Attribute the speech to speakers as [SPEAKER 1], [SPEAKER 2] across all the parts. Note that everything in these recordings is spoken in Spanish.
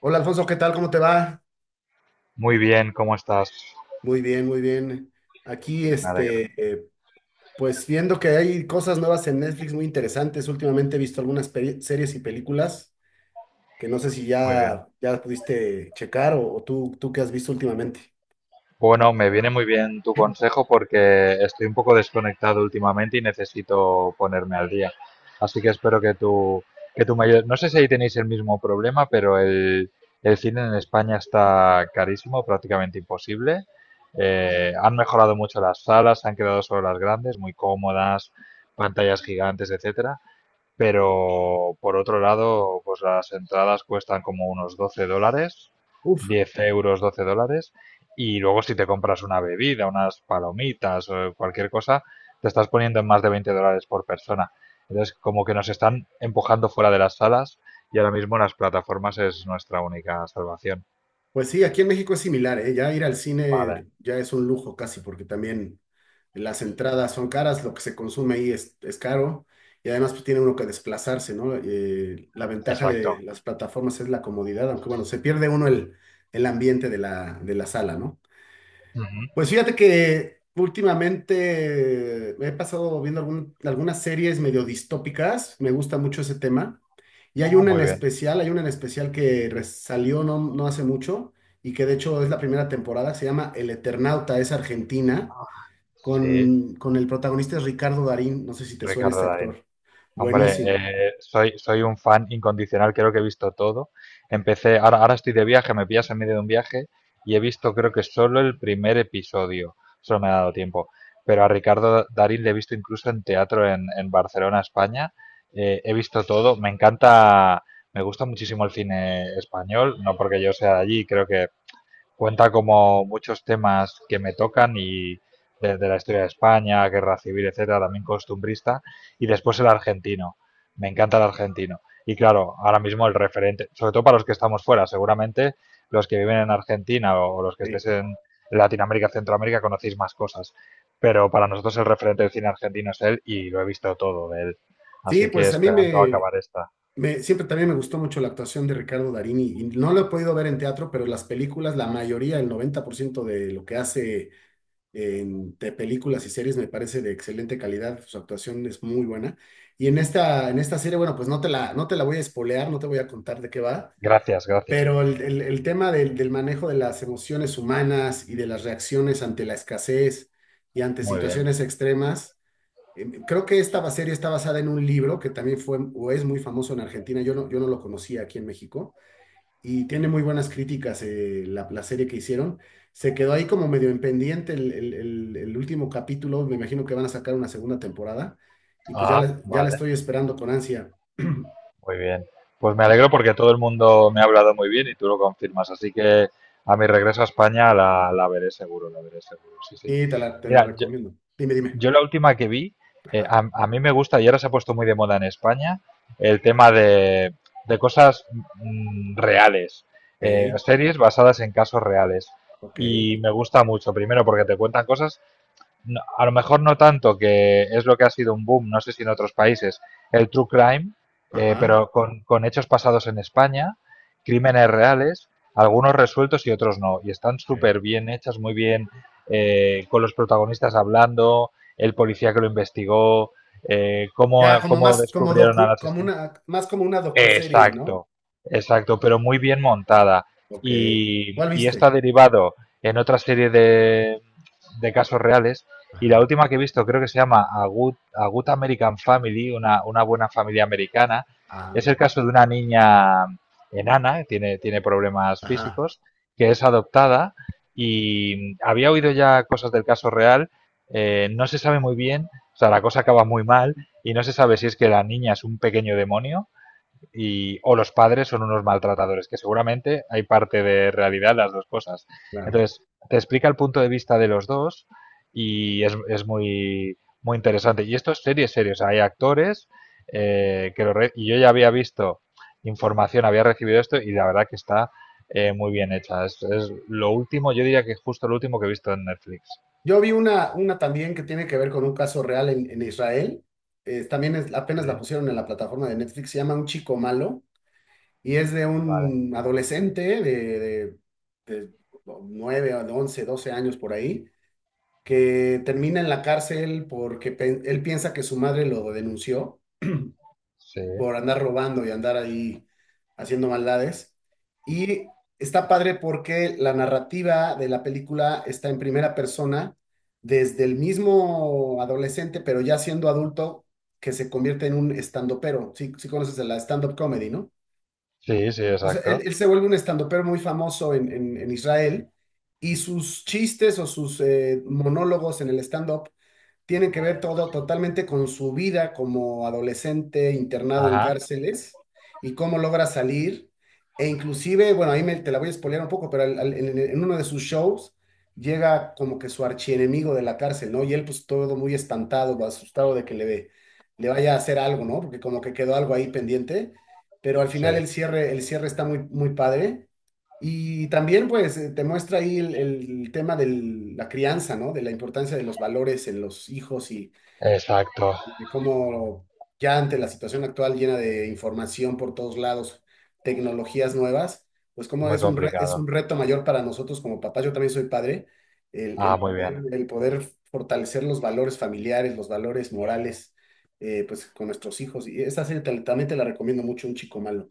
[SPEAKER 1] Hola Alfonso, ¿qué tal? ¿Cómo te va?
[SPEAKER 2] Muy bien, ¿cómo estás?
[SPEAKER 1] Muy bien, muy bien. Aquí,
[SPEAKER 2] Me alegro.
[SPEAKER 1] este, pues viendo que hay cosas nuevas en Netflix muy interesantes. Últimamente he visto series y películas que no sé si
[SPEAKER 2] Muy bien.
[SPEAKER 1] ya pudiste checar o tú qué has visto últimamente.
[SPEAKER 2] Bueno, me viene muy bien tu consejo porque estoy un poco desconectado últimamente y necesito ponerme al día. Así que espero que tú me ayudes. No sé si ahí tenéis el mismo problema, pero el cine en España está carísimo, prácticamente imposible. Han mejorado mucho las salas, se han quedado solo las grandes, muy cómodas, pantallas gigantes, etcétera. Pero por otro lado, pues las entradas cuestan como unos 12 dólares, 10 euros, 12 dólares. Y luego si te compras una bebida, unas palomitas o cualquier cosa, te estás poniendo en más de 20 dólares por persona. Entonces, como que nos están empujando fuera de las salas y ahora mismo las plataformas es nuestra única salvación.
[SPEAKER 1] Pues sí, aquí en México es similar, ¿eh? Ya ir al
[SPEAKER 2] Vale,
[SPEAKER 1] cine ya es un lujo casi, porque también las entradas son caras, lo que se consume ahí es caro y además pues, tiene uno que desplazarse, ¿no? La ventaja de
[SPEAKER 2] exacto.
[SPEAKER 1] las plataformas es la comodidad, aunque bueno, se pierde uno el ambiente de la sala, ¿no?
[SPEAKER 2] Ujú.
[SPEAKER 1] Pues fíjate que últimamente me he pasado viendo algunas series medio distópicas, me gusta mucho ese tema, y hay
[SPEAKER 2] Ah,
[SPEAKER 1] una en
[SPEAKER 2] muy bien.
[SPEAKER 1] especial, hay una en especial que salió no hace mucho y que de hecho es la primera temporada, se llama El Eternauta, es argentina,
[SPEAKER 2] Sí,
[SPEAKER 1] con el protagonista es Ricardo Darín, no sé si te suena
[SPEAKER 2] Ricardo
[SPEAKER 1] este
[SPEAKER 2] Darín.
[SPEAKER 1] actor,
[SPEAKER 2] Hombre,
[SPEAKER 1] buenísimo.
[SPEAKER 2] soy un fan incondicional, creo que he visto todo. Empecé, ahora estoy de viaje, me pillas en medio de un viaje y he visto creo que solo el primer episodio, solo me ha dado tiempo. Pero a Ricardo Darín le he visto incluso en teatro en Barcelona, España. He visto todo, me encanta, me gusta muchísimo el cine español, no porque yo sea de allí, creo que cuenta como muchos temas que me tocan y desde la historia de España, guerra civil, etcétera, también costumbrista, y después el argentino. Me encanta el argentino. Y claro, ahora mismo el referente, sobre todo para los que estamos fuera, seguramente los que viven en Argentina o los que
[SPEAKER 1] Sí,
[SPEAKER 2] estéis en Latinoamérica, Centroamérica, conocéis más cosas. Pero para nosotros el referente del cine argentino es él y lo he visto todo de él.
[SPEAKER 1] sí,
[SPEAKER 2] Así que
[SPEAKER 1] pues a mí
[SPEAKER 2] esperando
[SPEAKER 1] me,
[SPEAKER 2] acabar esta.
[SPEAKER 1] Me, siempre también me gustó mucho la actuación de Ricardo Darín y no lo he podido ver en teatro, pero las películas, la mayoría, el 90% de lo que hace en de películas y series me parece de excelente calidad. Su actuación es muy buena. Y en esta serie, bueno, pues no te la voy a espolear, no te voy a contar de qué va,
[SPEAKER 2] Gracias, gracias.
[SPEAKER 1] pero el tema del manejo de las emociones humanas y de las reacciones ante la escasez y ante
[SPEAKER 2] Muy bien.
[SPEAKER 1] situaciones extremas. Creo que esta serie está basada en un libro que también fue o es muy famoso en Argentina. Yo no lo conocía aquí en México y tiene muy buenas críticas la serie que hicieron. Se quedó ahí como medio en pendiente el último capítulo. Me imagino que van a sacar una segunda temporada y pues ya
[SPEAKER 2] Ah,
[SPEAKER 1] la, ya la
[SPEAKER 2] vale.
[SPEAKER 1] estoy esperando con ansia.
[SPEAKER 2] Muy bien. Pues me alegro porque todo el mundo me ha hablado muy bien y tú lo confirmas. Así que a mi regreso a España la veré seguro, la veré seguro. Sí, sí.
[SPEAKER 1] Sí, te la
[SPEAKER 2] Mira, yo,
[SPEAKER 1] recomiendo. Dime, dime.
[SPEAKER 2] yo la última que vi,
[SPEAKER 1] Ajá.
[SPEAKER 2] a mí me gusta y ahora se ha puesto muy de moda en España el tema de cosas reales,
[SPEAKER 1] Ok,
[SPEAKER 2] series basadas en casos reales.
[SPEAKER 1] ok.
[SPEAKER 2] Y me gusta mucho, primero porque te cuentan cosas a lo mejor no tanto, que es lo que ha sido un boom, no sé si en otros países, el true crime,
[SPEAKER 1] Ajá.
[SPEAKER 2] pero con hechos pasados en España, crímenes reales, algunos resueltos y otros no. Y están
[SPEAKER 1] Ok.
[SPEAKER 2] súper bien hechas, muy bien, con los protagonistas hablando, el policía que lo investigó, cómo,
[SPEAKER 1] Ya como
[SPEAKER 2] cómo
[SPEAKER 1] más como
[SPEAKER 2] descubrieron al
[SPEAKER 1] docu, como
[SPEAKER 2] asesino.
[SPEAKER 1] una, más como una docuserie, ¿no?
[SPEAKER 2] Exacto, exacto, pero muy bien montada.
[SPEAKER 1] Ok. ¿Cuál
[SPEAKER 2] Y esto ha
[SPEAKER 1] viste?
[SPEAKER 2] derivado en otra serie de casos reales. Y la
[SPEAKER 1] Ajá.
[SPEAKER 2] última que he visto creo que se llama A Good, A Good American Family, una buena familia americana. Es
[SPEAKER 1] Ah,
[SPEAKER 2] el caso de una niña enana, que tiene problemas
[SPEAKER 1] ajá,
[SPEAKER 2] físicos, que es adoptada. Y había oído ya cosas del caso real. No se sabe muy bien, o sea, la cosa acaba muy mal y no se sabe si es que la niña es un pequeño demonio y, o los padres son unos maltratadores, que seguramente hay parte de realidad las dos cosas.
[SPEAKER 1] claro.
[SPEAKER 2] Entonces, te explica el punto de vista de los dos y es muy, muy interesante. Y esto es serio, o sea, hay actores y yo ya había visto información, había recibido esto y la verdad que está muy bien hecha. Es lo último, yo diría que justo lo último que he visto en Netflix.
[SPEAKER 1] Yo vi una también que tiene que ver con un caso real en, Israel. También apenas la
[SPEAKER 2] Sí,
[SPEAKER 1] pusieron en la plataforma de Netflix. Se llama Un chico malo y es de
[SPEAKER 2] vale.
[SPEAKER 1] un adolescente de 9, o de 11, 12 años por ahí, que termina en la cárcel porque él piensa que su madre lo denunció
[SPEAKER 2] Sí,
[SPEAKER 1] por andar robando y andar ahí haciendo maldades. Y está padre porque la narrativa de la película está en primera persona desde el mismo adolescente, pero ya siendo adulto, que se convierte en un estandopero. Sí, sí conoces de la stand-up comedy, ¿no?
[SPEAKER 2] sí, sí,
[SPEAKER 1] O sea,
[SPEAKER 2] exacto.
[SPEAKER 1] él se vuelve un estandopero muy famoso en, en Israel y sus chistes o sus monólogos en el stand-up tienen que ver todo totalmente con su vida como adolescente internado en
[SPEAKER 2] Ajá,
[SPEAKER 1] cárceles y cómo logra salir. E inclusive, bueno, ahí me, te la voy a spoilear un poco, pero en uno de sus shows llega como que su archienemigo de la cárcel, ¿no? Y él pues todo muy espantado, asustado de que le vaya a hacer algo, ¿no? Porque como que quedó algo ahí pendiente, pero al
[SPEAKER 2] sí,
[SPEAKER 1] final el cierre está muy, muy padre. Y también, pues, te muestra ahí el tema de la crianza, ¿no? De la importancia de los valores en los hijos y
[SPEAKER 2] exacto.
[SPEAKER 1] de cómo ya ante la situación actual llena de información por todos lados, tecnologías nuevas, pues cómo
[SPEAKER 2] Muy
[SPEAKER 1] es es un
[SPEAKER 2] complicado.
[SPEAKER 1] reto mayor para nosotros como papás, yo también soy padre, el,
[SPEAKER 2] Ah,
[SPEAKER 1] el
[SPEAKER 2] muy
[SPEAKER 1] poder,
[SPEAKER 2] bien.
[SPEAKER 1] el poder fortalecer los valores familiares, los valores morales, pues, con nuestros hijos. Y esa serie también te la recomiendo mucho, Un Chico Malo.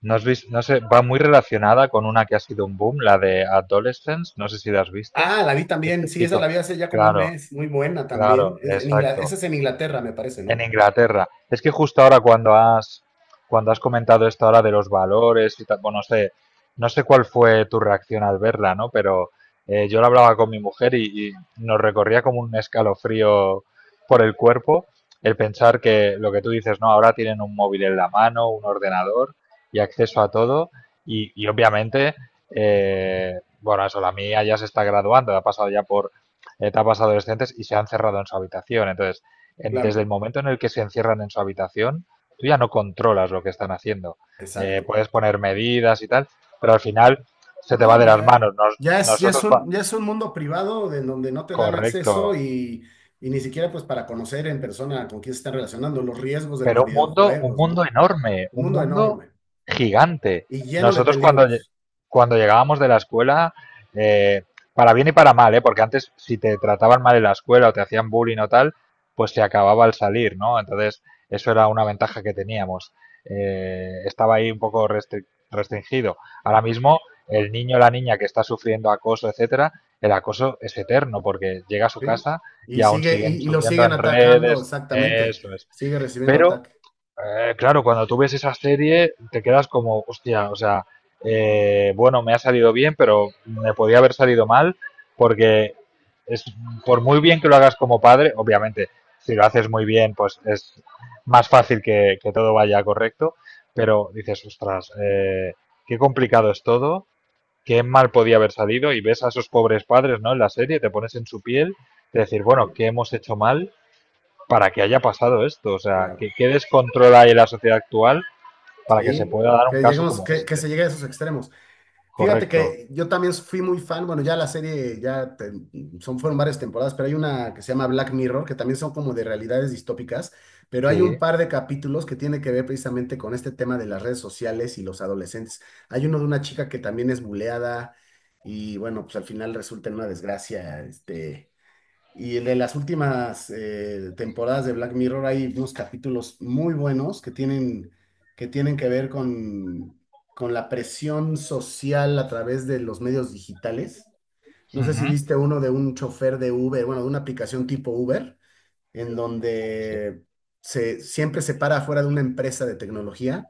[SPEAKER 2] ¿No has visto, no sé, va muy relacionada con una que ha sido un boom, la de Adolescence, no sé si la has visto?
[SPEAKER 1] Ah, la vi también,
[SPEAKER 2] Este
[SPEAKER 1] sí, esa la
[SPEAKER 2] chico,
[SPEAKER 1] vi hace ya como un
[SPEAKER 2] claro,
[SPEAKER 1] mes, muy buena también.
[SPEAKER 2] claro,
[SPEAKER 1] Es en esa
[SPEAKER 2] exacto,
[SPEAKER 1] es en Inglaterra, me parece,
[SPEAKER 2] en
[SPEAKER 1] ¿no?
[SPEAKER 2] Inglaterra. Es que justo ahora cuando has comentado esto ahora de los valores y tal, bueno, no sé, no sé cuál fue tu reacción al verla, ¿no? Pero yo lo hablaba con mi mujer y nos recorría como un escalofrío por el cuerpo el pensar que lo que tú dices, no, ahora tienen un móvil en la mano, un ordenador y acceso a todo y obviamente, bueno, eso, la mía ya se está graduando, ha pasado ya por etapas adolescentes y se han cerrado en su habitación. Entonces, desde
[SPEAKER 1] Claro,
[SPEAKER 2] el momento en el que se encierran en su habitación, tú ya no controlas lo que están haciendo.
[SPEAKER 1] exacto.
[SPEAKER 2] Puedes poner medidas y tal, pero al final se te va
[SPEAKER 1] No,
[SPEAKER 2] de
[SPEAKER 1] pues
[SPEAKER 2] las
[SPEAKER 1] ya,
[SPEAKER 2] manos.
[SPEAKER 1] ya es un mundo privado de en donde no te dan acceso
[SPEAKER 2] Correcto.
[SPEAKER 1] y, ni siquiera pues para conocer en persona con quién se están relacionando, los riesgos de los
[SPEAKER 2] Pero un
[SPEAKER 1] videojuegos,
[SPEAKER 2] mundo
[SPEAKER 1] ¿no?
[SPEAKER 2] enorme,
[SPEAKER 1] Un
[SPEAKER 2] un
[SPEAKER 1] mundo
[SPEAKER 2] mundo
[SPEAKER 1] enorme
[SPEAKER 2] gigante.
[SPEAKER 1] y lleno de
[SPEAKER 2] Nosotros
[SPEAKER 1] peligros,
[SPEAKER 2] cuando llegábamos de la escuela, eh, para bien y para mal, ¿eh? Porque antes si te trataban mal en la escuela o te hacían bullying o tal, pues se acababa al salir, ¿no? Entonces, eso era una ventaja que teníamos. Estaba ahí un poco restringido. Ahora mismo, el niño o la niña que está sufriendo acoso, etcétera, el acoso es eterno porque llega a su
[SPEAKER 1] ¿sí?
[SPEAKER 2] casa
[SPEAKER 1] Y
[SPEAKER 2] y aún
[SPEAKER 1] sigue, y,
[SPEAKER 2] siguen
[SPEAKER 1] y lo
[SPEAKER 2] subiendo
[SPEAKER 1] siguen
[SPEAKER 2] en
[SPEAKER 1] atacando,
[SPEAKER 2] redes,
[SPEAKER 1] exactamente.
[SPEAKER 2] eso es.
[SPEAKER 1] Sigue recibiendo
[SPEAKER 2] Pero
[SPEAKER 1] ataque.
[SPEAKER 2] claro, cuando tú ves esa serie te quedas como, hostia, o sea, bueno, me ha salido bien, pero me podía haber salido mal porque es por muy bien que lo hagas como padre, obviamente, si lo haces muy bien, pues es más fácil que todo vaya correcto, pero dices, ostras, qué complicado es todo, qué mal podía haber salido y ves a esos pobres padres, ¿no? En la serie, te pones en su piel, de decir, bueno,
[SPEAKER 1] Sí,
[SPEAKER 2] ¿qué hemos hecho mal para que haya pasado esto? O sea,
[SPEAKER 1] claro.
[SPEAKER 2] qué descontrol hay en la sociedad actual para que se
[SPEAKER 1] Sí,
[SPEAKER 2] pueda dar un
[SPEAKER 1] que
[SPEAKER 2] caso
[SPEAKER 1] llegamos,
[SPEAKER 2] como
[SPEAKER 1] que, que
[SPEAKER 2] este?
[SPEAKER 1] se llegue a esos extremos. Fíjate
[SPEAKER 2] Correcto.
[SPEAKER 1] que yo también fui muy fan, bueno, ya la serie, son, fueron varias temporadas, pero hay una que se llama Black Mirror, que también son como de realidades distópicas, pero hay un
[SPEAKER 2] Sí.
[SPEAKER 1] par de capítulos que tiene que ver precisamente con este tema de las redes sociales y los adolescentes. Hay uno de una chica que también es buleada y bueno, pues al final resulta en una desgracia. Este... Y el de las últimas temporadas de Black Mirror hay unos capítulos muy buenos que tienen que ver con la presión social a través de los medios digitales. No sé si
[SPEAKER 2] Ujú.
[SPEAKER 1] viste uno de un chofer de Uber, bueno, de una aplicación tipo Uber, en
[SPEAKER 2] Sí,
[SPEAKER 1] donde siempre se para afuera de una empresa de tecnología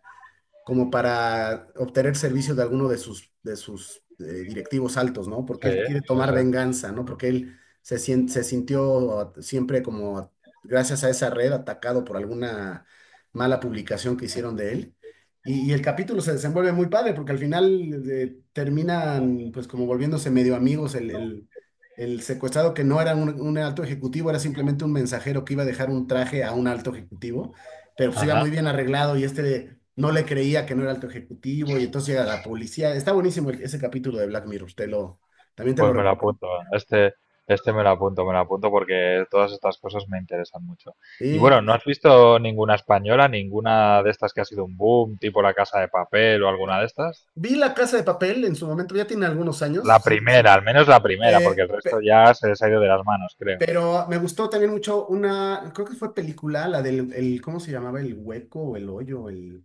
[SPEAKER 1] como para obtener servicio de alguno de sus directivos altos, ¿no? Porque
[SPEAKER 2] sí,
[SPEAKER 1] él quiere
[SPEAKER 2] sí,
[SPEAKER 1] tomar
[SPEAKER 2] sí.
[SPEAKER 1] venganza, ¿no? Porque él se sintió siempre como, gracias a esa red, atacado por alguna mala publicación que hicieron de él. Y el capítulo se desenvuelve muy padre, porque al final terminan, pues, como volviéndose medio amigos. El secuestrado, que no era un alto ejecutivo, era simplemente un mensajero que iba a dejar un traje a un alto ejecutivo pero pues iba
[SPEAKER 2] Ajá.
[SPEAKER 1] muy bien arreglado y este no le creía que no era alto ejecutivo y entonces llega la policía. Está buenísimo ese capítulo de Black Mirror, también te lo
[SPEAKER 2] Pues me lo
[SPEAKER 1] recomiendo.
[SPEAKER 2] apunto. Este, este me lo apunto porque todas estas cosas me interesan mucho. Y
[SPEAKER 1] Sí,
[SPEAKER 2] bueno, ¿no
[SPEAKER 1] pues.
[SPEAKER 2] has visto ninguna española, ninguna de estas que ha sido un boom, tipo La Casa de Papel o alguna de estas?
[SPEAKER 1] Vi La Casa de Papel en su momento, ya tiene algunos años,
[SPEAKER 2] La
[SPEAKER 1] sí, sí.
[SPEAKER 2] primera, al menos la primera, porque el
[SPEAKER 1] Eh,
[SPEAKER 2] resto
[SPEAKER 1] pe-
[SPEAKER 2] ya se les ha ido de las manos, creo.
[SPEAKER 1] pero me gustó también mucho una, creo que fue película, la del, el, ¿cómo se llamaba? El hueco o el hoyo, el.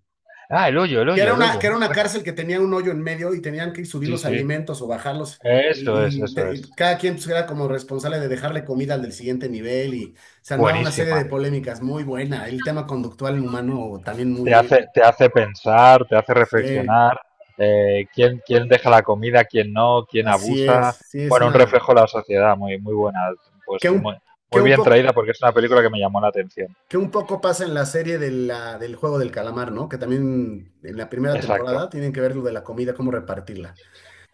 [SPEAKER 2] Ah, El Hoyo, El
[SPEAKER 1] Que era
[SPEAKER 2] Hoyo, El
[SPEAKER 1] una,
[SPEAKER 2] Hoyo,
[SPEAKER 1] que era
[SPEAKER 2] muy
[SPEAKER 1] una
[SPEAKER 2] buena.
[SPEAKER 1] cárcel que tenía un hoyo en medio y tenían que subir
[SPEAKER 2] Sí,
[SPEAKER 1] los
[SPEAKER 2] sí.
[SPEAKER 1] alimentos o bajarlos.
[SPEAKER 2] Eso es,
[SPEAKER 1] Y, y
[SPEAKER 2] eso
[SPEAKER 1] te- y
[SPEAKER 2] es.
[SPEAKER 1] cada quien pues, era como responsable de dejarle comida al del siguiente nivel y se armaba una serie de
[SPEAKER 2] Buenísima.
[SPEAKER 1] polémicas muy buena. El tema conductual humano también muy
[SPEAKER 2] Te
[SPEAKER 1] bueno.
[SPEAKER 2] hace, te hace pensar, te hace
[SPEAKER 1] Sí,
[SPEAKER 2] reflexionar, quién deja la comida, quién no, quién
[SPEAKER 1] así es.
[SPEAKER 2] abusa.
[SPEAKER 1] Sí, es
[SPEAKER 2] Bueno, un
[SPEAKER 1] una.
[SPEAKER 2] reflejo de la sociedad, muy, muy buena. Pues
[SPEAKER 1] Que un,
[SPEAKER 2] muy,
[SPEAKER 1] que
[SPEAKER 2] muy
[SPEAKER 1] un
[SPEAKER 2] bien
[SPEAKER 1] poco,
[SPEAKER 2] traída porque es una película que me llamó la atención.
[SPEAKER 1] que un poco pasa en la serie del juego del calamar, ¿no? Que también en la primera temporada
[SPEAKER 2] Exacto,
[SPEAKER 1] tienen que ver lo de la comida, cómo repartirla.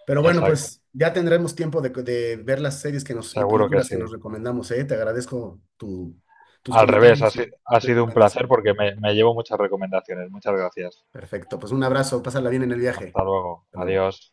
[SPEAKER 1] Pero bueno,
[SPEAKER 2] exacto.
[SPEAKER 1] pues ya tendremos tiempo de ver las series y
[SPEAKER 2] Seguro que
[SPEAKER 1] películas que
[SPEAKER 2] sí.
[SPEAKER 1] nos recomendamos, ¿eh? Te agradezco tus
[SPEAKER 2] Al revés, ha,
[SPEAKER 1] comentarios
[SPEAKER 2] si-
[SPEAKER 1] y
[SPEAKER 2] ha sido un placer
[SPEAKER 1] recomendaciones.
[SPEAKER 2] porque me llevo muchas recomendaciones. Muchas gracias.
[SPEAKER 1] Perfecto, pues un abrazo, pásala bien en el viaje.
[SPEAKER 2] Hasta luego.
[SPEAKER 1] Hasta luego.
[SPEAKER 2] Adiós.